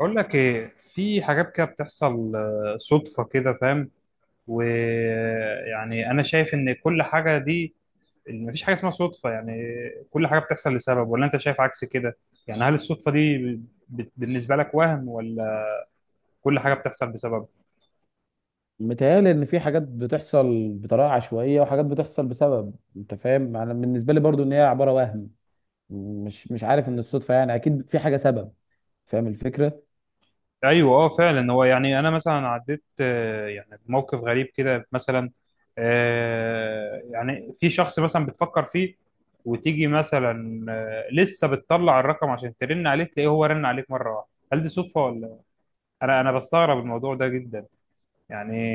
أقول لك إيه، في حاجات كده بتحصل صدفة كده فاهم. ويعني أنا شايف إن كل حاجة دي، مفيش حاجة اسمها صدفة يعني. كل حاجة بتحصل لسبب، ولا أنت شايف عكس كده؟ يعني هل الصدفة دي، بالنسبة لك وهم، ولا كل حاجة بتحصل بسبب؟ متهيألي إن في حاجات بتحصل بطريقة عشوائية وحاجات بتحصل بسبب، أنت فاهم. أنا بالنسبة لي برضو إن هي عبارة وهم. مش عارف إن الصدفة، يعني أكيد في حاجة سبب. فاهم الفكرة. ايوه، اه فعلا. هو يعني انا مثلا عديت يعني بموقف غريب كده مثلا. يعني في شخص مثلا بتفكر فيه، وتيجي مثلا لسه بتطلع الرقم عشان ترن عليه، تلاقيه هو رن عليك مره واحده. هل دي صدفه ولا؟ انا بستغرب الموضوع ده جدا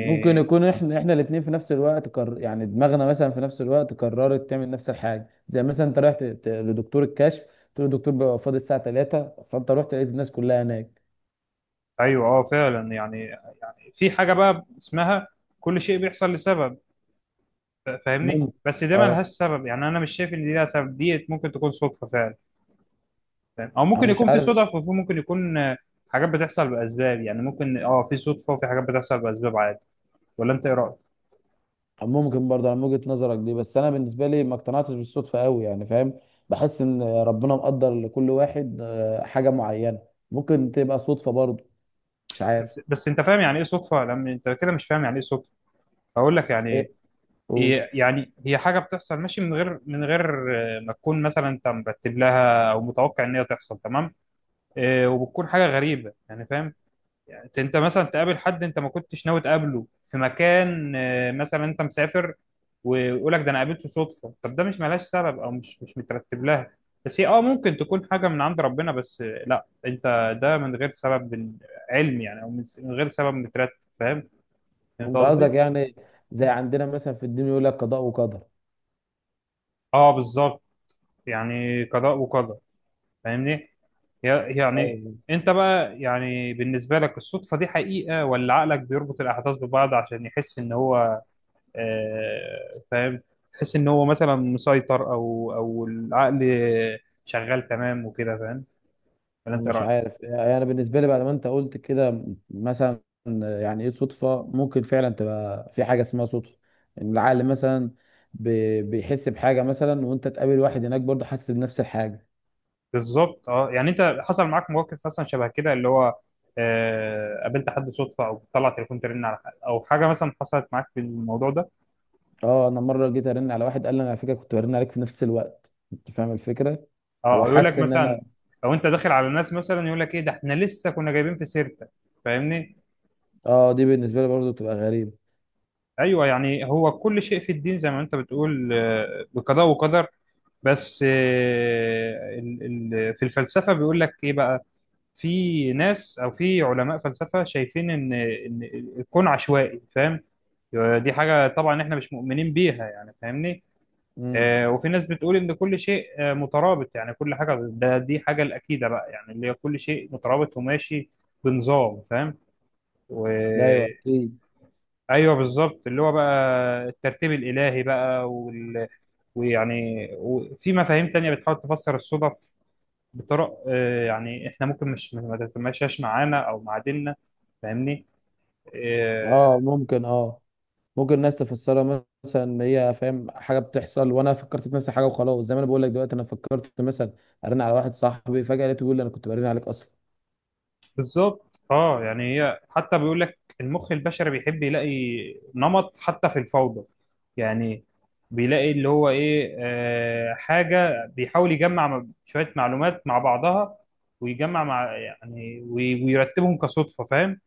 ممكن يكون إحنا الاتنين في نفس الوقت يعني دماغنا مثلا في نفس الوقت قررت تعمل نفس الحاجة. زي مثلا أنت رحت لدكتور الكشف، تقول له الدكتور بيبقى فاضي الساعة 3، فأنت رحت لقيت الناس كلها هناك. ايوه، اه فعلا يعني. يعني في حاجه بقى اسمها كل شيء بيحصل لسبب. فاهمني، ممكن. بس ده أه. ملهاش سبب. يعني انا مش شايف ان دي لها سبب، دي ممكن تكون صدفه فعلا. فاهم؟ او أنا ممكن مش يكون في عارف. صدف، وفي ممكن يكون حاجات بتحصل باسباب. يعني ممكن اه، في صدفه وفي حاجات بتحصل باسباب عادي. ولا انت ايه رايك؟ ممكن برضه على وجهة نظرك دي، بس انا بالنسبه لي ما اقتنعتش بالصدفه قوي، يعني فاهم. بحس ان ربنا مقدر لكل واحد حاجه معينه. ممكن تبقى صدفه برضه. مش عارف. بس انت فاهم يعني ايه صدفه؟ لما انت كده مش فاهم يعني ايه صدفه، هقول لك يعني ايه؟ ايه. قول. يعني هي حاجه بتحصل ماشي، من غير ما تكون مثلا انت مرتب لها، او متوقع ان هي تحصل، تمام؟ وبتكون حاجه غريبه يعني، فاهم؟ يعني انت مثلا تقابل حد انت ما كنتش ناوي تقابله في مكان، مثلا انت مسافر، ويقول لك ده انا قابلته صدفه. طب ده مش ملهاش سبب او مش مترتب لها. بس هي اه، ممكن تكون حاجه من عند ربنا، بس لا، انت ده من غير سبب علمي يعني، او من غير سبب مترتب، فاهم انت انت قصدي؟ قصدك يعني زي عندنا مثلا في الدين، يقول لك قضاء وقدر. اه بالظبط. يعني قضاء وقدر، فاهمني؟ يعني طيب. انت بقى، يعني بالنسبه لك الصدفه دي حقيقه، ولا عقلك بيربط الاحداث ببعض عشان يحس ان هو فاهم، تحس ان هو مثلا مسيطر، او العقل شغال تمام وكده، فاهم؟ ولا انت إيه مش رايك؟ عارف، يعني انا بالنسبه لي بعد ما انت قلت كده مثلا، يعني ايه صدفه، ممكن فعلا تبقى في حاجه اسمها صدفه. ان العقل مثلا بيحس بحاجه مثلا، وانت تقابل واحد هناك برضه حاسس بنفس الحاجه. بالظبط، اه. يعني انت حصل معاك مواقف مثلا شبه كده، اللي هو قابلت حد صدفه، او بتطلع تليفون ترن على حد، او حاجه مثلا حصلت معاك في الموضوع ده. اه انا مره جيت ارن على واحد قال لي انا على فكره كنت برن عليك في نفس الوقت، انت فاهم الفكره. اه، هو او يقول لك حس ان مثلا، انا. او انت داخل على الناس مثلا يقول لك ايه ده، احنا لسه كنا جايبين في سيرتك، فاهمني؟ اه، دي بالنسبه لي برضه بتبقى غريبه. ايوه. يعني هو كل شيء في الدين زي ما انت بتقول بقضاء وقدر. بس في الفلسفه بيقول لك ايه بقى، في ناس او في علماء فلسفه شايفين ان الكون عشوائي، فاهم؟ دي حاجه طبعا احنا مش مؤمنين بيها يعني، فاهمني؟ امم. وفي ناس بتقول ان كل شيء مترابط. يعني كل حاجه، ده دي حاجه الاكيده بقى، يعني اللي هي كل شيء مترابط وماشي بنظام، فاهم؟ ده ايوه اكيد. ايوه بالظبط، اللي هو بقى الترتيب الالهي بقى وال... ويعني وفي مفاهيم تانية بتحاول تفسر الصدف بطرق، يعني احنا ممكن مش ما تتماشاش معانا او مع ديننا، فاهمني؟ آه، اه ممكن الناس تفسرها مثلا ان هي، فاهم، حاجه بتحصل وانا فكرت في نفس الحاجه، وخلاص زي ما انا بقول لك دلوقتي، انا فكرت مثلا ارن على واحد صاحبي، فجاه لقيته بيقول لي انا كنت برن عليك اصلا. بالظبط اه. يعني هي حتى بيقول لك المخ البشري بيحب يلاقي نمط حتى في الفوضى يعني. بيلاقي اللي هو ايه، حاجة بيحاول يجمع شوية معلومات مع بعضها، ويجمع مع يعني ويرتبهم كصدفة، فاهم؟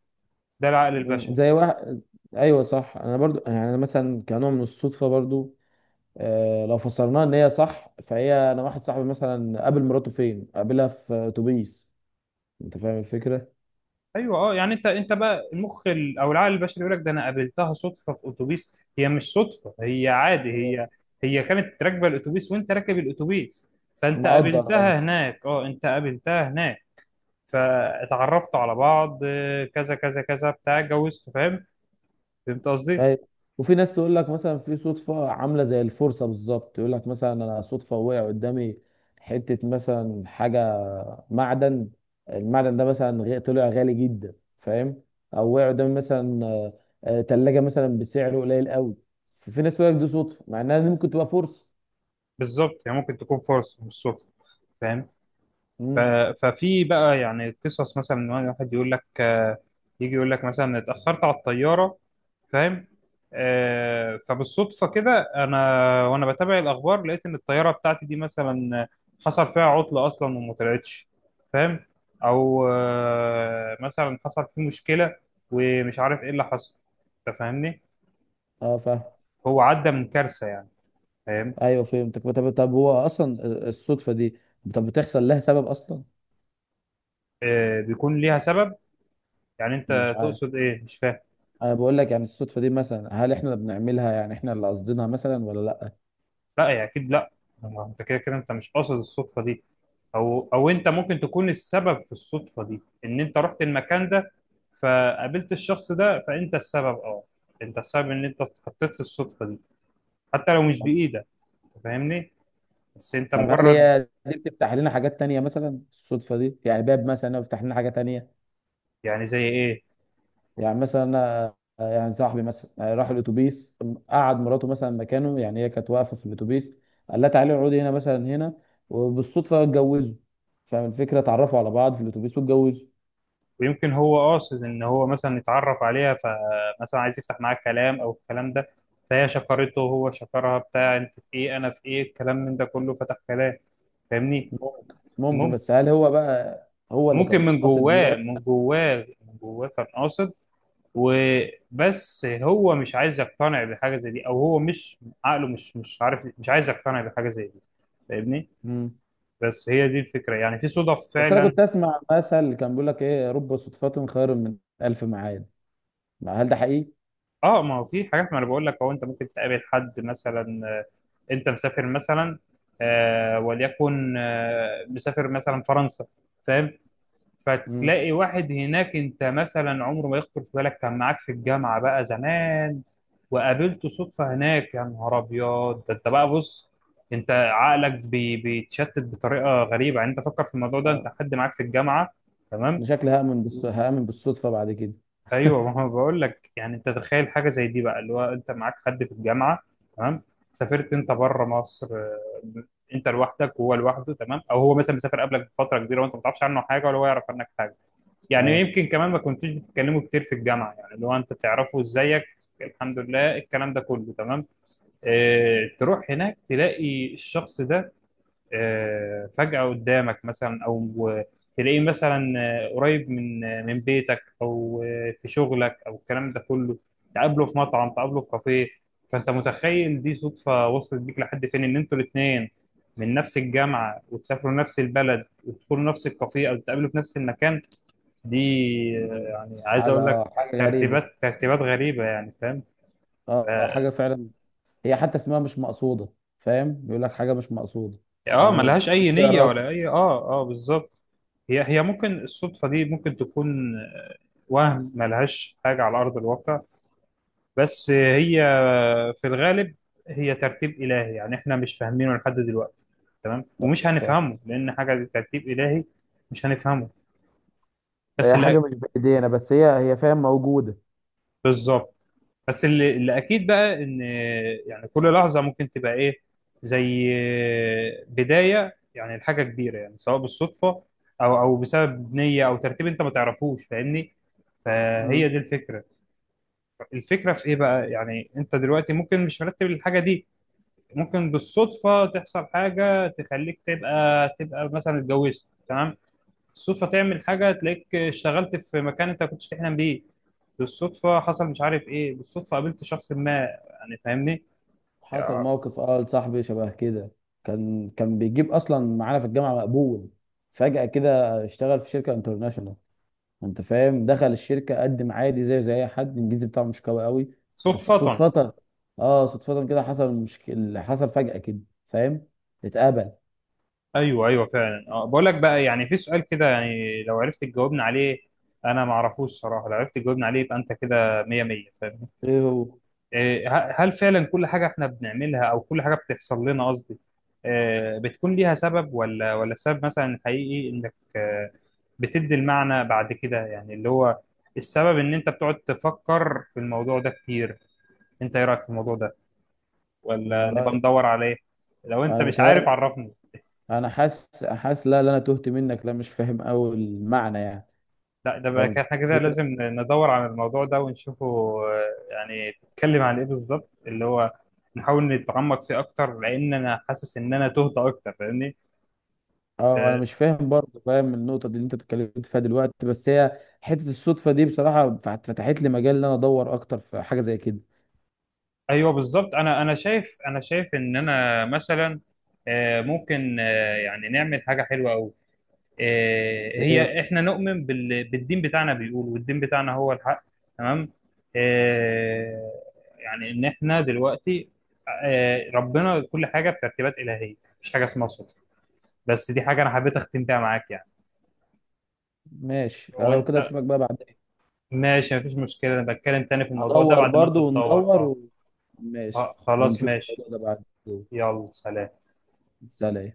ده العقل مم. البشري. زي واحد. ايوه صح، انا برضو يعني أنا مثلا كنوع من الصدفه برضو، لو فسرناها ان هي صح، فهي انا واحد صاحبي مثلا قابل مراته فين؟ قابلها في اتوبيس. انت فاهم الفكره. ايوه اه. يعني انت بقى المخ او العقل البشري يقول لك ده انا قابلتها صدفه في اتوبيس. هي مش صدفه، هي عادي. هي هي كانت راكبه الاتوبيس وانت راكب الاتوبيس، فانت مقدر اه. قابلتها هناك. اه انت قابلتها هناك، فاتعرفتوا على بعض، كذا كذا كذا بتاع، اتجوزتوا، فاهم؟ فهمت قصدي؟ أيوة. وفي ناس تقول لك مثلا في صدفه عامله زي الفرصه بالظبط، يقول لك مثلا انا صدفه وقع قدامي حته مثلا حاجه، معدن. المعدن ده مثلا طلع غالي جدا، فاهم. او وقع قدامي مثلا تلاجة مثلا بسعر قليل قوي. ففي ناس تقول لك دي صدفه، مع انها دي ممكن تبقى فرصه. بالظبط. هي ممكن تكون فرصه مش صدفه، فاهم؟ ف- امم. ففي بقى يعني قصص مثلا ان واحد يقول لك يجي يقول لك مثلا اتأخرت على الطيارة، فاهم؟ فبالصدفة كده انا وانا بتابع الاخبار، لقيت ان الطيارة بتاعتي دي مثلا حصل فيها عطلة اصلا وما طلعتش، فاهم؟ او مثلا حصل فيه مشكلة، ومش عارف ايه اللي حصل، انت فاهمني؟ اه فاهم. هو عدى من كارثة يعني، فاهم؟ ايوه فهمتك. طب هو اصلا الصدفه دي، طب بتحصل لها سبب اصلا؟ بيكون ليها سبب. يعني مش انت عارف. تقصد ايه؟ مش فاهم. انا بقول لك، يعني الصدفه دي مثلا، هل احنا اللي بنعملها، يعني احنا اللي قصدينها مثلا ولا لا؟ لا يعني اكيد لا. ما انت كده كده انت مش قاصد الصدفه دي، او انت ممكن تكون السبب في الصدفه دي، ان انت رحت المكان ده فقابلت الشخص ده. فانت السبب، اه. انت السبب ان انت اتحطيت في الصدفه دي، حتى لو مش طب بايدك. أنت فاهمني؟ بس انت طب هل مجرد. هي دي بتفتح لنا حاجات تانية مثلا، الصدفه دي يعني باب مثلا بيفتح لنا حاجه تانية؟ يعني زي ايه؟ يعني مثلا، يعني صاحبي مثلا راح الاتوبيس، قعد مراته مثلا مكانه، يعني هي كانت واقفه في الاتوبيس. قال لها تعالي اقعدي هنا مثلا هنا، وبالصدفه اتجوزوا. فاهم الفكره، اتعرفوا على بعض في الاتوبيس واتجوزوا. ويمكن هو قاصد ان هو مثلا يتعرف عليها، فمثلا عايز يفتح معاك كلام او الكلام ده. فهي شكرته، هو شكرها، بتاع انت في ايه، انا في ايه، الكلام من ده كله، فتح كلام، فاهمني؟ ممكن، بس هل هو بقى هو اللي وممكن كان من قاصد يروح؟ جواه من جواه من جواه كان قاصد، وبس هو مش عايز يقتنع بحاجه زي دي، او هو مش عقله مش عارف، مش عايز يقتنع بحاجه زي دي، فاهمني؟ مم. بس هي دي الفكره، يعني في صدف بس انا فعلا. كنت اسمع مثل كان بيقول لك ايه، رب صدفة خير من الف معاد. ما هل ده حقيقي؟ اه، ما هو في حاجات. ما انا بقول لك، هو انت ممكن تقابل حد مثلا، انت مسافر مثلا، آه وليكن آه مسافر مثلا فرنسا، فاهم؟ مم. فتلاقي واحد هناك انت مثلا عمره ما يخطر في بالك، كان معاك في الجامعه بقى زمان، وقابلته صدفه هناك. يا نهار ابيض! ده انت بقى بص، انت عقلك بيتشتت بطريقه غريبه يعني. انت فكر في الموضوع ده، انت اه حد معاك في الجامعه، انا تمام؟ شكلي هأمن هأمن بالصدفة بعد كده. ايوه. ما هو بقول لك يعني، انت تخيل حاجه زي دي بقى، اللي هو انت معاك حد في الجامعه، تمام؟ سافرت انت بره مصر، انت لوحدك وهو لوحده، تمام؟ او هو مثلا مسافر قبلك بفتره كبيره، وانت ما تعرفش عنه حاجه، ولا هو يعرف عنك حاجه. يعني اه. يمكن كمان ما كنتوش بتتكلموا كتير في الجامعه، يعني لو انت تعرفه ازيك، الحمد لله، الكلام ده كله. تمام؟ اه، تروح هناك تلاقي الشخص ده، اه، فجأة قدامك مثلا، او تلاقيه مثلا قريب من من بيتك، او في شغلك، او الكلام ده كله. تقابله في مطعم، تقابله في كافيه. فانت متخيل دي صدفة وصلت بيك لحد فين؟ ان انتوا الاثنين من نفس الجامعة، وتسافروا نفس البلد، وتدخلوا نفس الكافيه، او تقابلوا في نفس المكان. دي مم. يعني، عايز اقول لك، حاجة غريبة. ترتيبات غريبه يعني، فاهم؟ اه اه حاجة فعلا. هي حتى اسمها مش مقصودة، فاهم؟ بيقول لك حاجة مش مقصودة. انا ملهاش اي مش نيه، بقرا. ولا اي اه، اه بالظبط. هي ممكن الصدفه دي ممكن تكون وهم، ملهاش حاجه على ارض الواقع. بس هي في الغالب هي ترتيب الهي، يعني احنا مش فاهمينه لحد دلوقتي. تمام؟ لا، ومش صح. هنفهمه، لان حاجه دي ترتيب الهي، مش هنفهمه. بس هي اللي حاجة مش بإيدينا، بس هي فاهم موجودة. بالظبط، بس اللي اكيد بقى ان، يعني كل لحظه ممكن تبقى ايه، زي بدايه يعني لحاجه كبيره. يعني سواء بالصدفه، او بسبب نيه، او ترتيب انت ما تعرفوش، فاهمني؟ فهي مم. دي الفكره. الفكره في ايه بقى، يعني انت دلوقتي ممكن مش مرتب الحاجه دي. ممكن بالصدفه تحصل حاجه تخليك تبقى مثلا اتجوزت، تمام؟ بالصدفه تعمل حاجه تلاقيك اشتغلت في مكان انت ما كنتش تحلم بيه. بالصدفه حصل مش عارف ايه، بالصدفه قابلت شخص ما. يعني فاهمني؟ حصل يا- موقف لصاحبي شبه كده. كان بيجيب اصلا معانا في الجامعه مقبول، فجاه كده اشتغل في شركه انترناشونال. انت فاهم، دخل الشركه قدم عادي زي اي حد، الانجليزي بتاعه مش قوي قوي، بس صدفه. صدفه. اه صدفه كده، حصل مشكله، حصل فجاه كده، فاهم، اتقبل. ايوه ايوه فعلا. اه بقول لك بقى يعني، في سؤال كده، يعني لو عرفت تجاوبنا عليه، انا ما اعرفوش صراحه. لو عرفت تجاوبنا عليه، يبقى انت كده 100 100، فاهم؟ ايه هو؟ هل فعلا كل حاجة احنا بنعملها، او كل حاجة بتحصل لنا قصدي، بتكون ليها سبب، ولا السبب مثلا حقيقي انك بتدي المعنى بعد كده، يعني اللي هو السبب ان انت بتقعد تفكر في الموضوع ده كتير. انت ايه رأيك في الموضوع ده، انا ولا نبقى رأي... ندور عليه؟ لو انت انا مش عارف بتهيألي، عرفني. انا حاسس حاسس، لا لا انا تهت منك، لا مش فاهم قوي المعنى يعني. لا، ده بقى فاهم احنا كده الفكره. لازم ندور على الموضوع ده ونشوفه. آه، يعني بيتكلم عن ايه بالظبط، اللي هو نحاول نتعمق فيه اكتر، لان انا حاسس ان انا تهت اكتر، فاهمني؟ اه انا آه، مش فاهم برضه، فاهم النقطه دي اللي انت اتكلمت فيها دلوقتي، بس هي حته الصدفه دي بصراحه فتحت لي مجال ان انا ادور اكتر في حاجه زي كده. ايوه بالظبط. انا شايف، ان انا مثلا ممكن يعني نعمل حاجه حلوه قوي. ايه؟ هي احنا نؤمن بالدين بتاعنا، بيقول والدين بتاعنا هو الحق، تمام؟ آه، يعني ان احنا دلوقتي ربنا كل حاجه بترتيبات الهيه، مفيش حاجه اسمها صدفه. بس دي حاجه انا حبيت اختم بيها معاك يعني. ماشي، لا لو وانت كده اشوفك بقى بعدين. ماشي، مفيش مشكله. انا بتكلم تاني في الموضوع ده هدور بعد ما انت برضه تدور، وندور اه و... ماشي. خلاص ونشوف ماشي. الموضوع ده بعد. يلا سلام. سلام.